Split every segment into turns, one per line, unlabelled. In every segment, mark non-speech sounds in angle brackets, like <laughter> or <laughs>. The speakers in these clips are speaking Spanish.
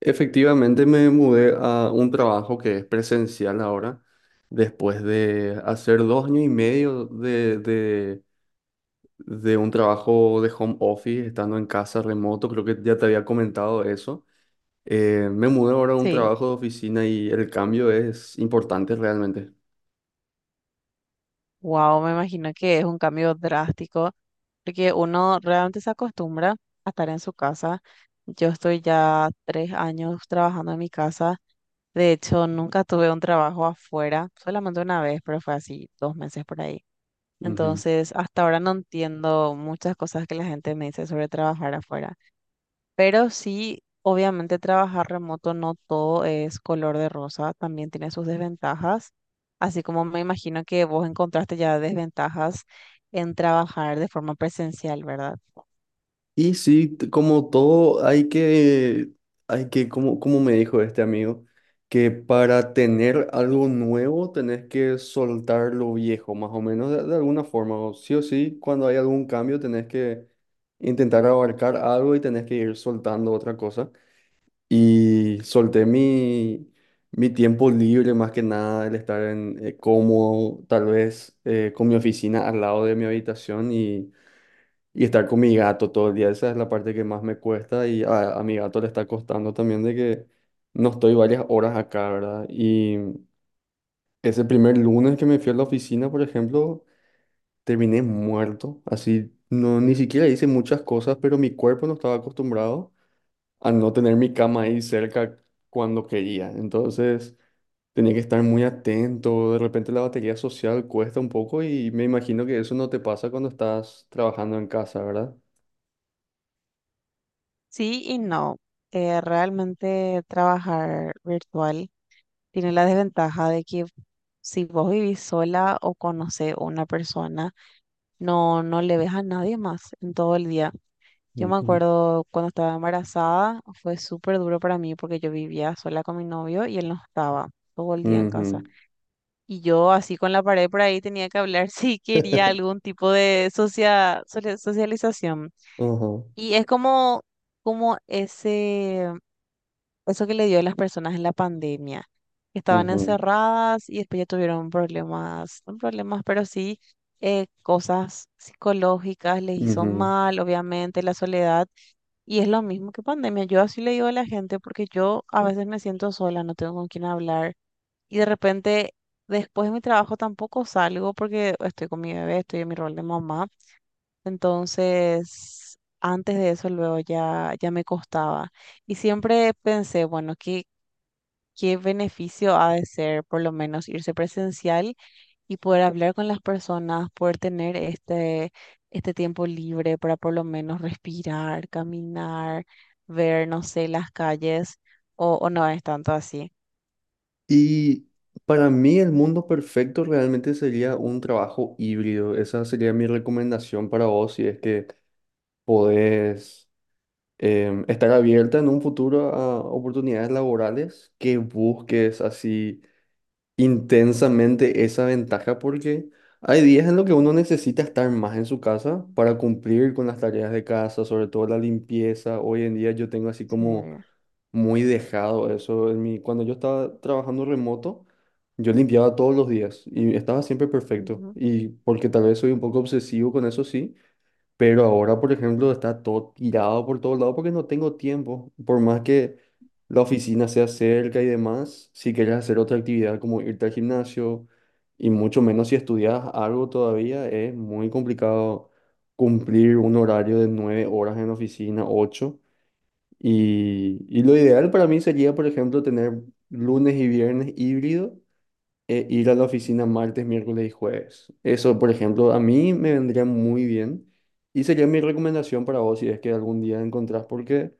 Efectivamente me mudé a un trabajo que es presencial ahora, después de hacer dos años y medio de un trabajo de home office, estando en casa remoto, creo que ya te había comentado eso. Me mudé ahora a un
Sí,
trabajo de oficina y el cambio es importante realmente.
wow, me imagino que es un cambio drástico, porque uno realmente se acostumbra a estar en su casa. Yo estoy ya 3 años trabajando en mi casa. De hecho, nunca tuve un trabajo afuera, solamente una vez, pero fue así, 2 meses por ahí.
Ujú.
Entonces, hasta ahora no entiendo muchas cosas que la gente me dice sobre trabajar afuera. Pero sí, obviamente trabajar remoto no todo es color de rosa, también tiene sus desventajas, así como me imagino que vos encontraste ya desventajas en trabajar de forma presencial, ¿verdad?
Y sí, como todo, como me dijo este amigo, que para tener algo nuevo tenés que soltar lo viejo, más o menos, de alguna forma. O sí, cuando hay algún cambio tenés que intentar abarcar algo y tenés que ir soltando otra cosa. Y solté mi tiempo libre, más que nada, el estar en, cómodo, tal vez con mi oficina al lado de mi habitación y estar con mi gato todo el día, esa es la parte que más me cuesta y a mi gato le está costando también de que no estoy varias horas acá, ¿verdad? Y ese primer lunes que me fui a la oficina, por ejemplo, terminé muerto, así, no, ni siquiera hice muchas cosas, pero mi cuerpo no estaba acostumbrado a no tener mi cama ahí cerca cuando quería. Entonces tenía que estar muy atento, de repente la batería social cuesta un poco y me imagino que eso no te pasa cuando estás trabajando en casa, ¿verdad?
Sí y no. Realmente trabajar virtual tiene la desventaja de que si vos vivís sola o conocés a una persona, no, no le ves a nadie más en todo el día. Yo me
Ujú.
acuerdo cuando estaba embarazada, fue súper duro para mí porque yo vivía sola con mi novio y él no estaba todo el día en
Ujú.
casa. Y yo así con la pared por ahí tenía que hablar <laughs> si quería algún
<laughs>
tipo de socialización.
Ujú,
Y es como eso que le dio a las personas en la pandemia, que estaban
ujú,
encerradas y después ya tuvieron problemas, no problemas, pero sí cosas psicológicas, les hizo
ujú.
mal, obviamente, la soledad y es lo mismo que pandemia. Yo así le digo a la gente porque yo a veces me siento sola, no tengo con quién hablar. Y de repente, después de mi trabajo tampoco salgo porque estoy con mi bebé, estoy en mi rol de mamá. Entonces, antes de eso, luego ya, ya me costaba. Y siempre pensé, bueno, ¿qué beneficio ha de ser por lo menos irse presencial? Y poder hablar con las personas, poder tener este tiempo libre para por lo menos respirar, caminar, ver, no sé, las calles, o no es tanto así.
Y para mí el mundo perfecto realmente sería un trabajo híbrido. Esa sería mi recomendación para vos si es que podés estar abierta en un futuro a oportunidades laborales que busques así intensamente esa ventaja porque hay días en los que uno necesita estar más en su casa para cumplir con las tareas de casa, sobre todo la limpieza. Hoy en día yo tengo así
Sí,
como muy dejado eso. Cuando yo estaba trabajando remoto, yo limpiaba todos los días y estaba siempre perfecto.
ujú.
Y porque tal vez soy un poco obsesivo con eso, sí, pero ahora, por ejemplo, está todo tirado por todos lados porque no tengo tiempo. Por más que la oficina sea cerca y demás, si quieres hacer otra actividad como irte al gimnasio y mucho menos si estudias algo todavía, es muy complicado cumplir un horario de nueve horas en la oficina, ocho. Y lo ideal para mí sería, por ejemplo, tener lunes y viernes híbrido e ir a la oficina martes, miércoles y jueves. Eso, por ejemplo, a mí me vendría muy bien y sería mi recomendación para vos si es que algún día encontrás, porque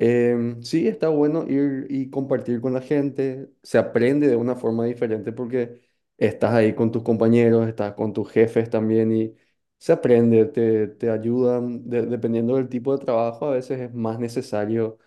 Sí, está bueno ir y compartir con la gente. Se aprende de una forma diferente porque estás ahí con tus compañeros, estás con tus jefes también y se aprende, te ayudan. Dependiendo del tipo de trabajo, a veces es más necesario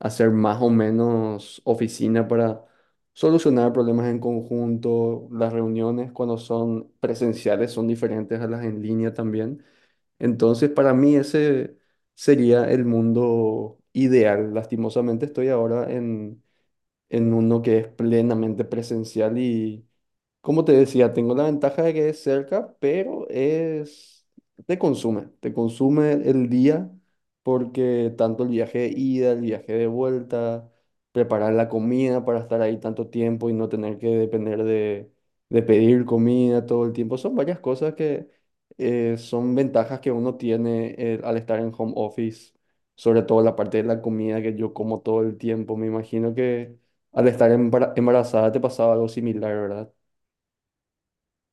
hacer más o menos oficina para solucionar problemas en conjunto. Las reuniones cuando son presenciales son diferentes a las en línea también. Entonces, para mí ese sería el mundo ideal. Lastimosamente estoy ahora en uno que es plenamente presencial y, como te decía, tengo la ventaja de que es cerca, pero es, te consume el día porque tanto el viaje de ida, el viaje de vuelta, preparar la comida para estar ahí tanto tiempo y no tener que depender de pedir comida todo el tiempo, son varias cosas que son ventajas que uno tiene al estar en home office. Sobre todo la parte de la comida que yo como todo el tiempo. Me imagino que al estar embarazada te pasaba algo similar, ¿verdad?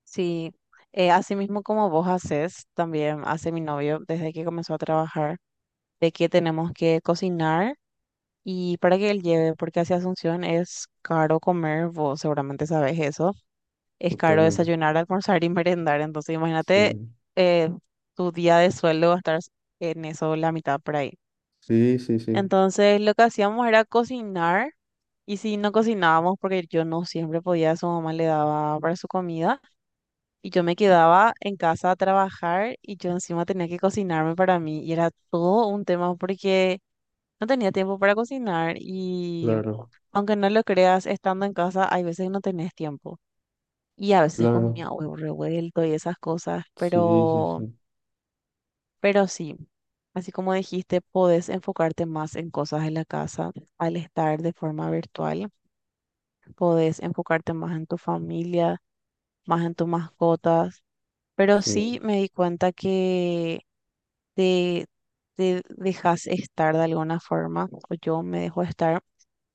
Sí, así mismo como vos haces, también hace mi novio desde que comenzó a trabajar, de que tenemos que cocinar. Y para que él lleve, porque hacia Asunción es caro comer, vos seguramente sabes eso. Es caro
Totalmente.
desayunar, almorzar y merendar. Entonces,
Sí,
imagínate, eh, tu día de sueldo va a estar en eso, la mitad por ahí.
sí, sí, sí,
Entonces, lo que hacíamos era cocinar. Y si no cocinábamos, porque yo no siempre podía, su mamá le daba para su comida. Y yo me quedaba en casa a trabajar y yo encima tenía que cocinarme para mí. Y era todo un tema porque no tenía tiempo para cocinar. Y
claro,
aunque no lo creas, estando en casa, hay veces que no tenés tiempo. Y a veces
claro.
comía huevo revuelto y esas cosas,
Sí, sí,
pero,
sí,
pero sí, así como dijiste, podés enfocarte más en cosas de la casa al estar de forma virtual, podés enfocarte más en tu familia, más en tus mascotas, pero
sí.
sí
<laughs>
me di cuenta que te, te dejas estar de alguna forma, o yo me dejo estar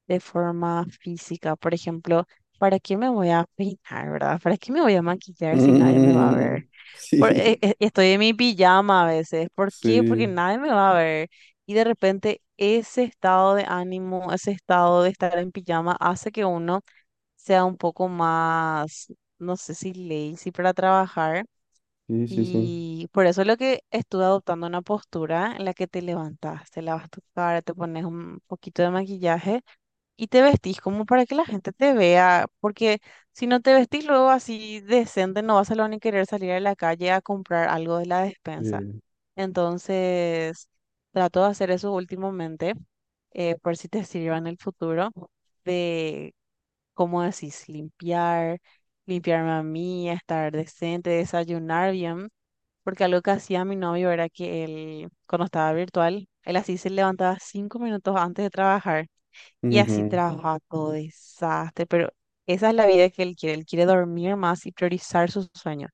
de forma física. Por ejemplo, ¿para qué me voy a peinar, verdad? ¿Para qué me voy a maquillar si nadie me va a
Mm,
ver?
sí.
Estoy en mi pijama a veces. ¿Por qué? Porque
Sí,
nadie me va a ver. Y de repente ese estado de ánimo, ese estado de estar en pijama hace que uno sea un poco más, no sé si lazy para trabajar.
sí, sí, sí.
Y por eso es lo que estuve adoptando una postura en la que te levantas, te lavas tu cara, te pones un poquito de maquillaje y te vestís como para que la gente te vea, porque si no te vestís luego así decente, no vas a lo ni querer salir a la calle a comprar algo de la despensa.
Eh,
Entonces, trato de hacer eso últimamente, por si te sirva en el futuro, de, ¿cómo decís? Limpiarme a mí, estar decente, desayunar bien. Porque algo que hacía mi novio era que él, cuando estaba virtual, él así se levantaba 5 minutos antes de trabajar y así
ujú,
trabaja todo desastre, pero esa es la vida que él quiere. Él quiere dormir más y priorizar sus sueños.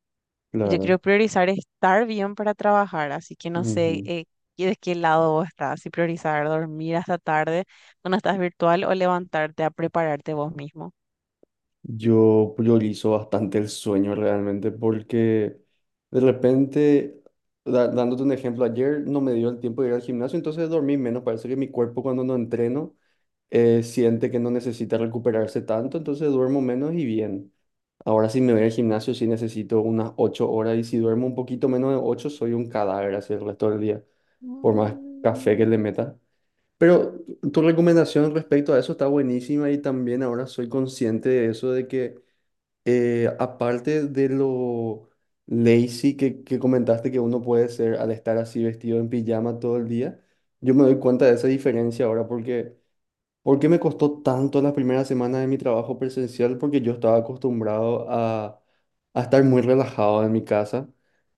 Y yo quiero
claro.
priorizar estar bien para trabajar, así que no sé
Ujú.
de qué lado vos estás, si priorizar dormir hasta tarde cuando estás virtual o levantarte a prepararte vos mismo.
Yo priorizo bastante el sueño realmente porque de repente, dándote un ejemplo, ayer no me dio el tiempo de ir al gimnasio, entonces dormí menos. Parece que mi cuerpo cuando no entreno... siente que no necesita recuperarse tanto, entonces duermo menos y bien. Ahora si me voy al gimnasio sí necesito unas 8 horas y si duermo un poquito menos de 8 soy un cadáver así el resto del día, por más
Mm,
café que le meta. Pero tu recomendación respecto a eso está buenísima y también ahora soy consciente de eso, de que aparte de lo lazy que comentaste que uno puede ser al estar así vestido en pijama todo el día, yo me doy cuenta de esa diferencia ahora porque... ¿Por qué me costó tanto las primeras semanas de mi trabajo presencial? Porque yo estaba acostumbrado a estar muy relajado en mi casa,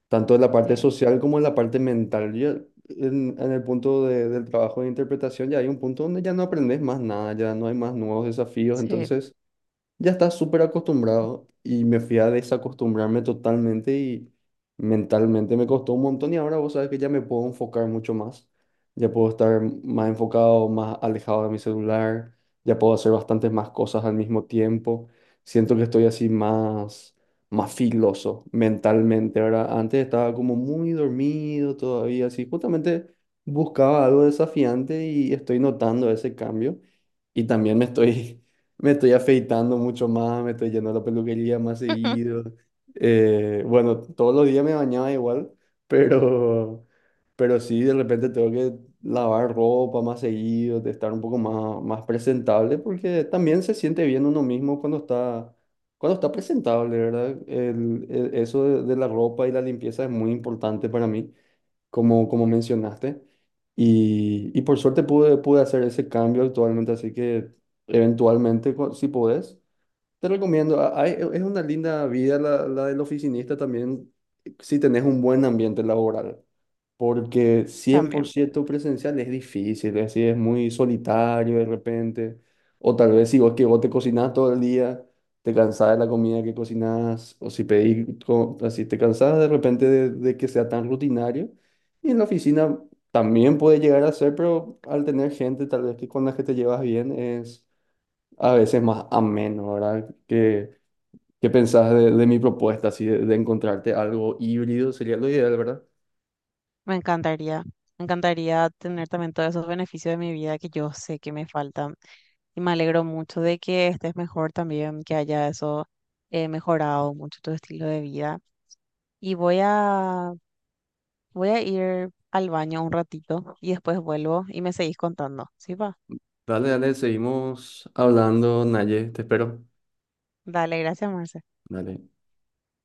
tanto en la
sí,
parte social como en la parte mental. Yo, en el punto del trabajo de interpretación ya hay un punto donde ya no aprendes más nada, ya no hay más nuevos desafíos,
sí,
entonces ya estaba súper acostumbrado y me fui a desacostumbrarme totalmente y mentalmente me costó un montón y ahora vos sabes que ya me puedo enfocar mucho más, ya puedo estar más enfocado, más alejado de mi celular, ya puedo hacer bastantes más cosas al mismo tiempo, siento que estoy así más, más filoso mentalmente, ahora antes estaba como muy dormido todavía, así justamente buscaba algo desafiante y estoy notando ese cambio y también me estoy... <laughs> Me estoy afeitando mucho más, me estoy yendo a la peluquería más
<laughs>
seguido. Bueno, todos los días me bañaba igual, pero, pero sí, de repente tengo que lavar ropa más seguido, de estar un poco más presentable, porque también se siente bien uno mismo cuando está presentable, ¿verdad? Eso de la ropa y la limpieza es muy importante para mí como mencionaste. Y por suerte pude hacer ese cambio actualmente, así que eventualmente, si podés, te recomiendo, es una linda vida la del oficinista también si tenés un buen ambiente laboral, porque cien por
también.
ciento presencial es difícil, es decir, es muy solitario de repente, o tal vez si vos que vos te cocinás todo el día, te cansás de la comida que cocinás, o si pedís, así te cansás de repente de que sea tan rutinario, y en la oficina también puede llegar a ser, pero al tener gente tal vez que con la que te llevas bien es a veces más ameno, ¿verdad? ¿Qué pensás de mi propuesta, así de encontrarte algo híbrido? Sería lo ideal, ¿verdad?
Me encantaría, me encantaría tener también todos esos beneficios de mi vida que yo sé que me faltan. Y me alegro mucho de que estés mejor también, que haya eso mejorado mucho tu estilo de vida. Y voy a ir al baño un ratito y después vuelvo y me seguís contando. ¿Sí va?
Dale, dale, seguimos hablando, Naye, te espero.
Dale, gracias, Marce.
Dale.